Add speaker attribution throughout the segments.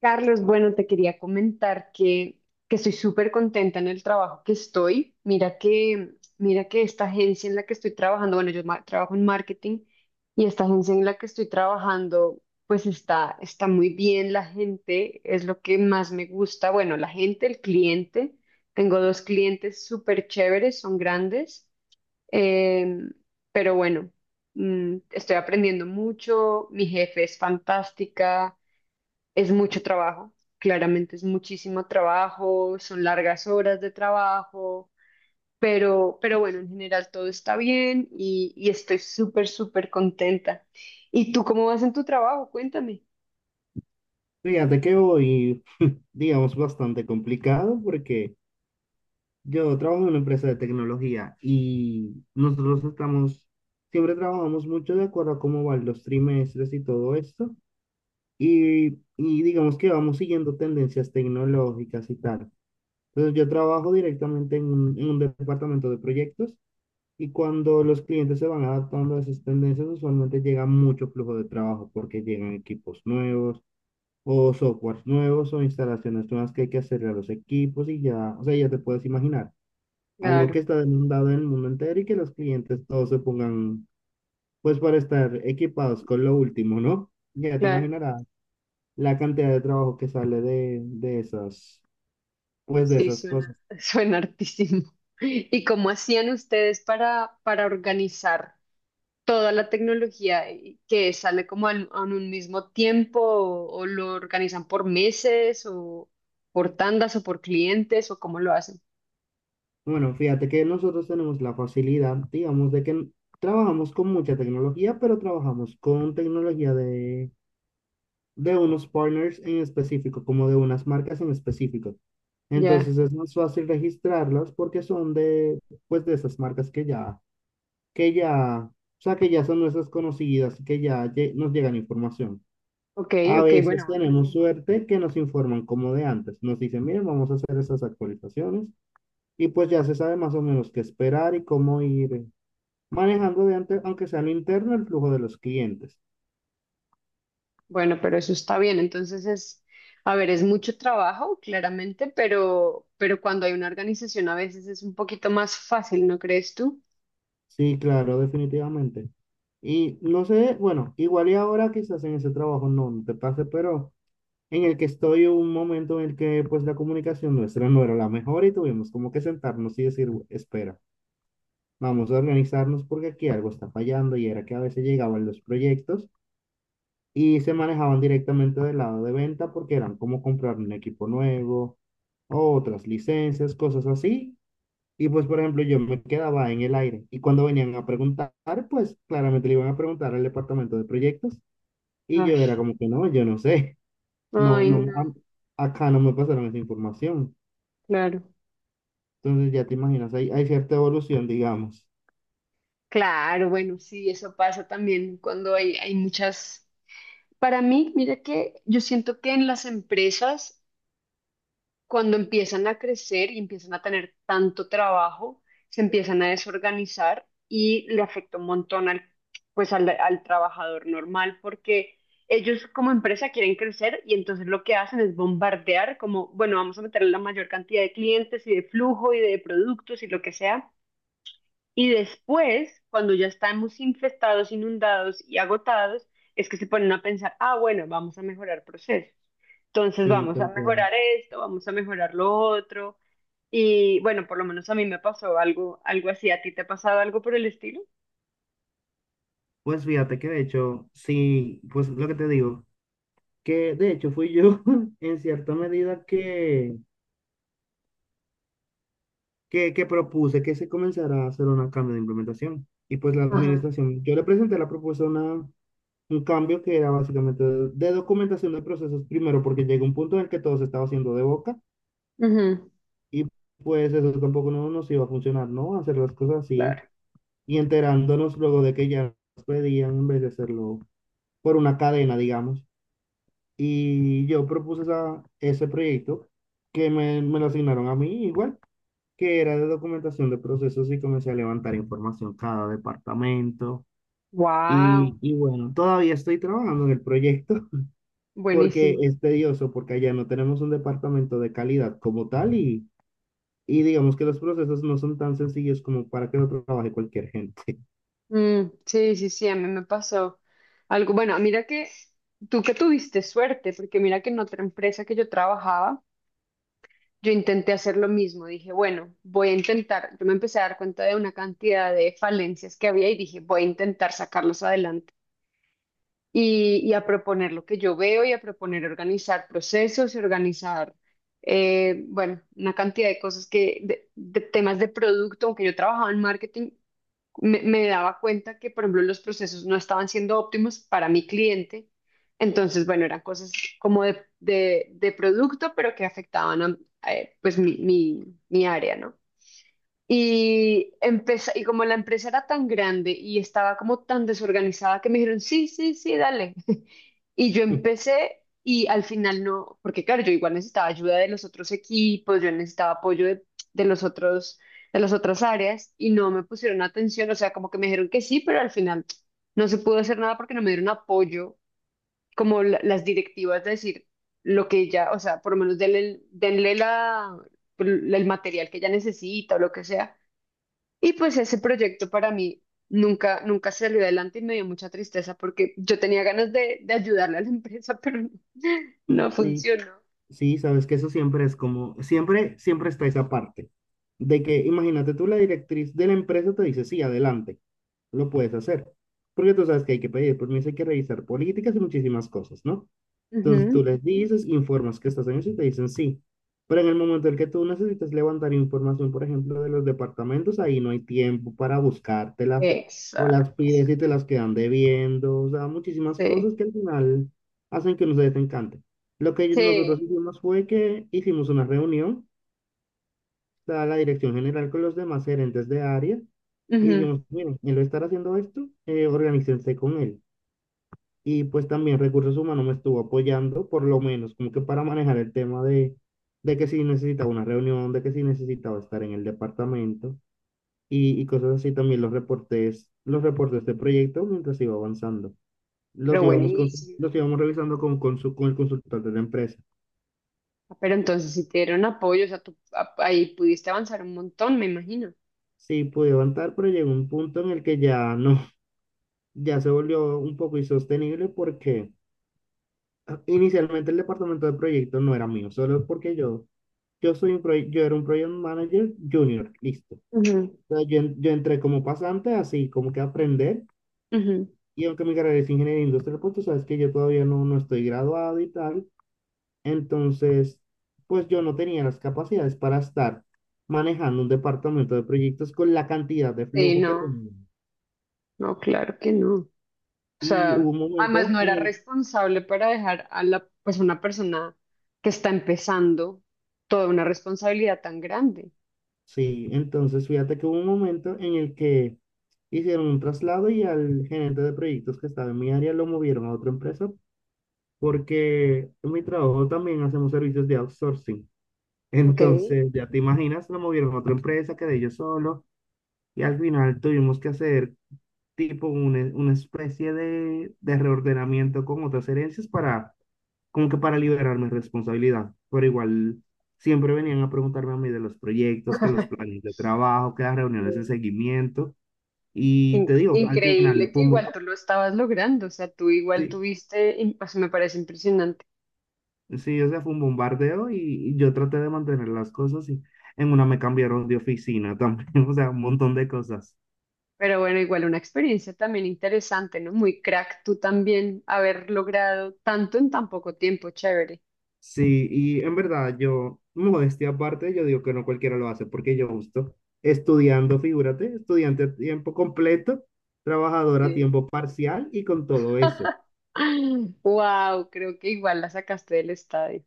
Speaker 1: Carlos, bueno, te quería comentar que estoy súper contenta en el trabajo que estoy. Mira que esta agencia en la que estoy trabajando, bueno, trabajo en marketing y esta agencia en la que estoy trabajando, pues está muy bien la gente, es lo que más me gusta. Bueno, la gente, el cliente. Tengo dos clientes súper chéveres, son grandes, em, pero bueno, estoy aprendiendo mucho, mi jefe es fantástica. Es mucho trabajo, claramente es muchísimo trabajo, son largas horas de trabajo, pero bueno, en general todo está bien y estoy súper contenta. ¿Y tú cómo vas en tu trabajo? Cuéntame.
Speaker 2: Fíjate que voy, digamos, bastante complicado porque yo trabajo en una empresa de tecnología y nosotros estamos, siempre trabajamos mucho de acuerdo a cómo van los trimestres y todo esto. Y, y digamos que vamos siguiendo tendencias tecnológicas y tal. Entonces yo trabajo directamente en un departamento de proyectos y cuando los clientes se van adaptando a esas tendencias, usualmente llega mucho flujo de trabajo porque llegan equipos nuevos o softwares nuevos o instalaciones nuevas que hay que hacerle a los equipos y ya, o sea, ya te puedes imaginar, algo que
Speaker 1: Claro,
Speaker 2: está demandado en el mundo entero y que los clientes todos se pongan, pues para estar equipados con lo último, ¿no? Ya te
Speaker 1: claro,
Speaker 2: imaginarás la cantidad de trabajo que sale de esas, pues de
Speaker 1: sí,
Speaker 2: esas
Speaker 1: suena,
Speaker 2: cosas.
Speaker 1: suena hartísimo. ¿Y cómo hacían ustedes para organizar toda la tecnología que sale como en un mismo tiempo o lo organizan por meses o por tandas o por clientes o cómo lo hacen.
Speaker 2: Bueno, fíjate que nosotros tenemos la facilidad, digamos, de que trabajamos con mucha tecnología, pero trabajamos con tecnología de unos partners en específico, como de unas marcas en específico.
Speaker 1: Ya,
Speaker 2: Entonces es más fácil registrarlas porque son de, pues de esas marcas que ya, o sea, que ya son nuestras conocidas y que ya nos llegan información.
Speaker 1: ok,
Speaker 2: A
Speaker 1: ok,
Speaker 2: veces
Speaker 1: bueno,
Speaker 2: tenemos
Speaker 1: buenísimo.
Speaker 2: suerte que nos informan como de antes. Nos dicen, miren, vamos a hacer esas actualizaciones y pues ya se sabe más o menos qué esperar y cómo ir manejando de antes, aunque sea al interno, el flujo de los clientes.
Speaker 1: Bueno, pero eso está bien. Entonces es, a ver, es mucho trabajo, claramente, pero cuando hay una organización a veces es un poquito más fácil, ¿no crees tú?
Speaker 2: Sí, claro, definitivamente. Y no sé, bueno, igual y ahora quizás en ese trabajo no te pase, pero en el que estoy un momento en el que pues la comunicación nuestra no era la mejor y tuvimos como que sentarnos y decir, espera, vamos a organizarnos porque aquí algo está fallando y era que a veces llegaban los proyectos y se manejaban directamente del lado de venta porque eran como comprar un equipo nuevo o otras licencias, cosas así. Y pues, por ejemplo, yo me quedaba en el aire y cuando venían a preguntar, pues claramente le iban a preguntar al departamento de proyectos y yo
Speaker 1: Ay,
Speaker 2: era como que no, yo no sé. No,
Speaker 1: ay,
Speaker 2: no,
Speaker 1: no,
Speaker 2: acá no me pasaron esa información.
Speaker 1: claro.
Speaker 2: Entonces ya te imaginas, hay cierta evolución, digamos.
Speaker 1: Claro, bueno, sí, eso pasa también cuando hay muchas. Para mí, mira que yo siento que en las empresas, cuando empiezan a crecer y empiezan a tener tanto trabajo, se empiezan a desorganizar y le afecta un montón pues al trabajador normal, porque ellos como empresa quieren crecer y entonces lo que hacen es bombardear como, bueno, vamos a meter la mayor cantidad de clientes y de flujo y de productos y lo que sea. Y después, cuando ya estamos infestados, inundados y agotados, es que se ponen a pensar, ah, bueno, vamos a mejorar procesos. Entonces
Speaker 2: Sí,
Speaker 1: vamos a
Speaker 2: tal cual.
Speaker 1: mejorar esto, vamos a mejorar lo otro. Y bueno, por lo menos a mí me pasó algo, algo así. ¿A ti te ha pasado algo por el estilo?
Speaker 2: Pues fíjate que de hecho, sí, pues lo que te digo, que de hecho fui yo en cierta medida que propuse que se comenzara a hacer un cambio de implementación. Y pues la
Speaker 1: Ajá.
Speaker 2: administración, yo le presenté la propuesta una, un cambio que era básicamente de documentación de procesos primero, porque llegó un punto en el que todo se estaba haciendo de boca.
Speaker 1: Ujú,
Speaker 2: Y pues eso tampoco no nos iba a funcionar, ¿no? Hacer las cosas así
Speaker 1: claro.
Speaker 2: y enterándonos luego de que ya nos pedían en vez de hacerlo por una cadena, digamos. Y yo propuse ese proyecto que me lo asignaron a mí igual, que era de documentación de procesos y comencé a levantar información cada departamento.
Speaker 1: Wow,
Speaker 2: Y bueno, todavía estoy trabajando en el proyecto porque
Speaker 1: buenísimo.
Speaker 2: es tedioso, porque allá no tenemos un departamento de calidad como tal. Y digamos que los procesos no son tan sencillos como para que lo trabaje cualquier gente.
Speaker 1: Mm, sí, sí, sí, a mí me pasó algo. Bueno, mira que tú que tuviste suerte, porque mira que en otra empresa que yo trabajaba, yo intenté hacer lo mismo, dije, bueno, voy a intentar, yo me empecé a dar cuenta de una cantidad de falencias que había y dije, voy a intentar sacarlos adelante y a proponer lo que yo veo y a proponer organizar procesos y organizar, bueno, una cantidad de cosas de temas de producto, aunque yo trabajaba en marketing, me daba cuenta que, por ejemplo, los procesos no estaban siendo óptimos para mi cliente. Entonces, bueno, eran cosas como de producto, pero que afectaban a, pues mi área, ¿no? Y, y como la empresa era tan grande y estaba como tan desorganizada que me dijeron, sí, sí, sí, dale, y yo empecé y al final no, porque claro, yo igual necesitaba ayuda de los otros equipos, yo necesitaba apoyo de los otros, de las otras áreas y no me pusieron atención, o sea, como que me dijeron que sí, pero al final no se pudo hacer nada porque no me dieron apoyo, como las directivas de decir lo que ella, o sea, por lo menos denle, denle el material que ella necesita o lo que sea y pues ese proyecto para mí nunca, nunca salió adelante y me dio mucha tristeza porque yo tenía ganas de ayudarle a la empresa, pero no, no
Speaker 2: Sí,
Speaker 1: funcionó.
Speaker 2: sí, sabes que eso siempre es como, siempre, siempre está esa parte de que, imagínate tú, la directriz de la empresa te dice, sí, adelante, lo puedes hacer. Porque tú sabes que hay que pedir permiso, hay que revisar políticas y muchísimas cosas, ¿no? Entonces
Speaker 1: Ujú.
Speaker 2: tú les dices, informas que estás en eso y te dicen sí. Pero en el momento en que tú necesitas levantar información, por ejemplo, de los departamentos, ahí no hay tiempo para buscártelas o
Speaker 1: Exacto.
Speaker 2: las pides y te las quedan debiendo. O sea, muchísimas cosas
Speaker 1: Sí.
Speaker 2: que al final hacen que no se desencante. Lo que nosotros
Speaker 1: Sí.
Speaker 2: hicimos fue que hicimos una reunión, o sea, la dirección general con los demás gerentes de área y
Speaker 1: Ujú.
Speaker 2: dijimos, miren, él va a estar haciendo esto, organícense con él. Y pues también recursos humanos me estuvo apoyando, por lo menos, como que para manejar el tema de que si necesitaba una reunión, de que si necesitaba estar en el departamento y cosas así. También los reportes de proyecto mientras iba avanzando.
Speaker 1: Pero
Speaker 2: Los íbamos,
Speaker 1: buenísimo.
Speaker 2: los íbamos revisando con, con el consultor de la empresa.
Speaker 1: Ah, pero entonces si te dieron apoyo, o sea, ahí pudiste avanzar un montón, me imagino.
Speaker 2: Sí, pude avanzar, pero llegó un punto en el que ya no, ya se volvió un poco insostenible porque ah, inicialmente el departamento de proyecto no era mío, solo porque yo. Yo soy un yo era un project manager junior, listo.
Speaker 1: Ujú,
Speaker 2: O sea, yo, yo entré como pasante, así como que a aprender.
Speaker 1: ujú.
Speaker 2: Y aunque mi carrera es ingeniería industrial, pues tú sabes que yo todavía no estoy graduado y tal. Entonces, pues yo no tenía las capacidades para estar manejando un departamento de proyectos con la cantidad de
Speaker 1: Sí,
Speaker 2: flujo que
Speaker 1: no,
Speaker 2: tenía.
Speaker 1: no, claro que no. O
Speaker 2: Y hubo
Speaker 1: sea,
Speaker 2: un
Speaker 1: además
Speaker 2: momento
Speaker 1: no
Speaker 2: en
Speaker 1: era
Speaker 2: el,
Speaker 1: responsable para dejar a la, pues una persona que está empezando toda una responsabilidad tan grande.
Speaker 2: sí, entonces fíjate que hubo un momento en el que hicieron un traslado y al gerente de proyectos que estaba en mi área lo movieron a otra empresa porque en mi trabajo también hacemos servicios de outsourcing.
Speaker 1: Ok.
Speaker 2: Entonces, ya te imaginas, lo movieron a otra empresa, quedé yo solo y al final tuvimos que hacer tipo una especie de reordenamiento con otras herencias para, como que para liberar mi responsabilidad. Pero igual siempre venían a preguntarme a mí de los proyectos, que los planes de trabajo, que las reuniones de seguimiento. Y te digo, al
Speaker 1: Increíble
Speaker 2: final,
Speaker 1: que
Speaker 2: como,
Speaker 1: igual tú lo estabas logrando, o sea, tú igual
Speaker 2: sí.
Speaker 1: tuviste, y, pues me parece impresionante.
Speaker 2: Sí, o sea, fue un bombardeo y yo traté de mantener las cosas y en una me cambiaron de oficina también, o sea, un montón de cosas.
Speaker 1: Pero bueno, igual una experiencia también interesante, ¿no? Muy crack tú también haber logrado tanto en tan poco tiempo, chévere.
Speaker 2: Sí, y en verdad yo, modestia aparte, yo digo que no cualquiera lo hace porque yo justo estudiando, figúrate, estudiante a tiempo completo, trabajador a
Speaker 1: Sí.
Speaker 2: tiempo parcial y con todo eso.
Speaker 1: Wow, creo que igual la sacaste del estadio.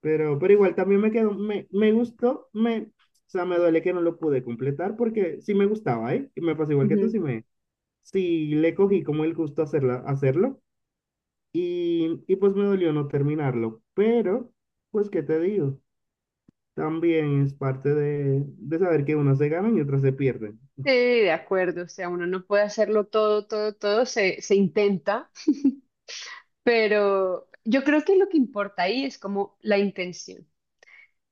Speaker 2: Pero igual también me quedó, me gustó, me, o sea, me duele que no lo pude completar porque sí me gustaba, ¿eh? Y me pasó igual que tú, sí me, sí le cogí como el gusto hacerla, hacerlo. Y pues me dolió no terminarlo, pero pues qué te digo, también es parte de saber que unas se ganan y otras se pierden.
Speaker 1: Sí, de acuerdo, o sea, uno no puede hacerlo todo, todo, todo, se intenta, pero yo creo que lo que importa ahí es como la intención.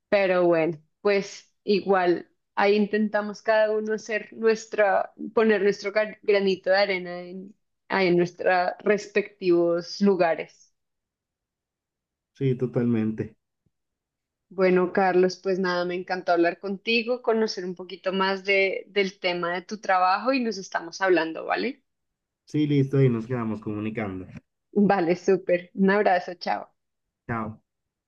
Speaker 1: Pero bueno, pues igual, ahí intentamos cada uno hacer nuestra, poner nuestro granito de arena en, ahí en nuestros respectivos lugares.
Speaker 2: Sí, totalmente.
Speaker 1: Bueno, Carlos, pues nada, me encantó hablar contigo, conocer un poquito más de, del tema de tu trabajo y nos estamos hablando, ¿vale?
Speaker 2: Sí, listo, y nos quedamos comunicando.
Speaker 1: Vale, súper. Un abrazo, chao.
Speaker 2: Chao.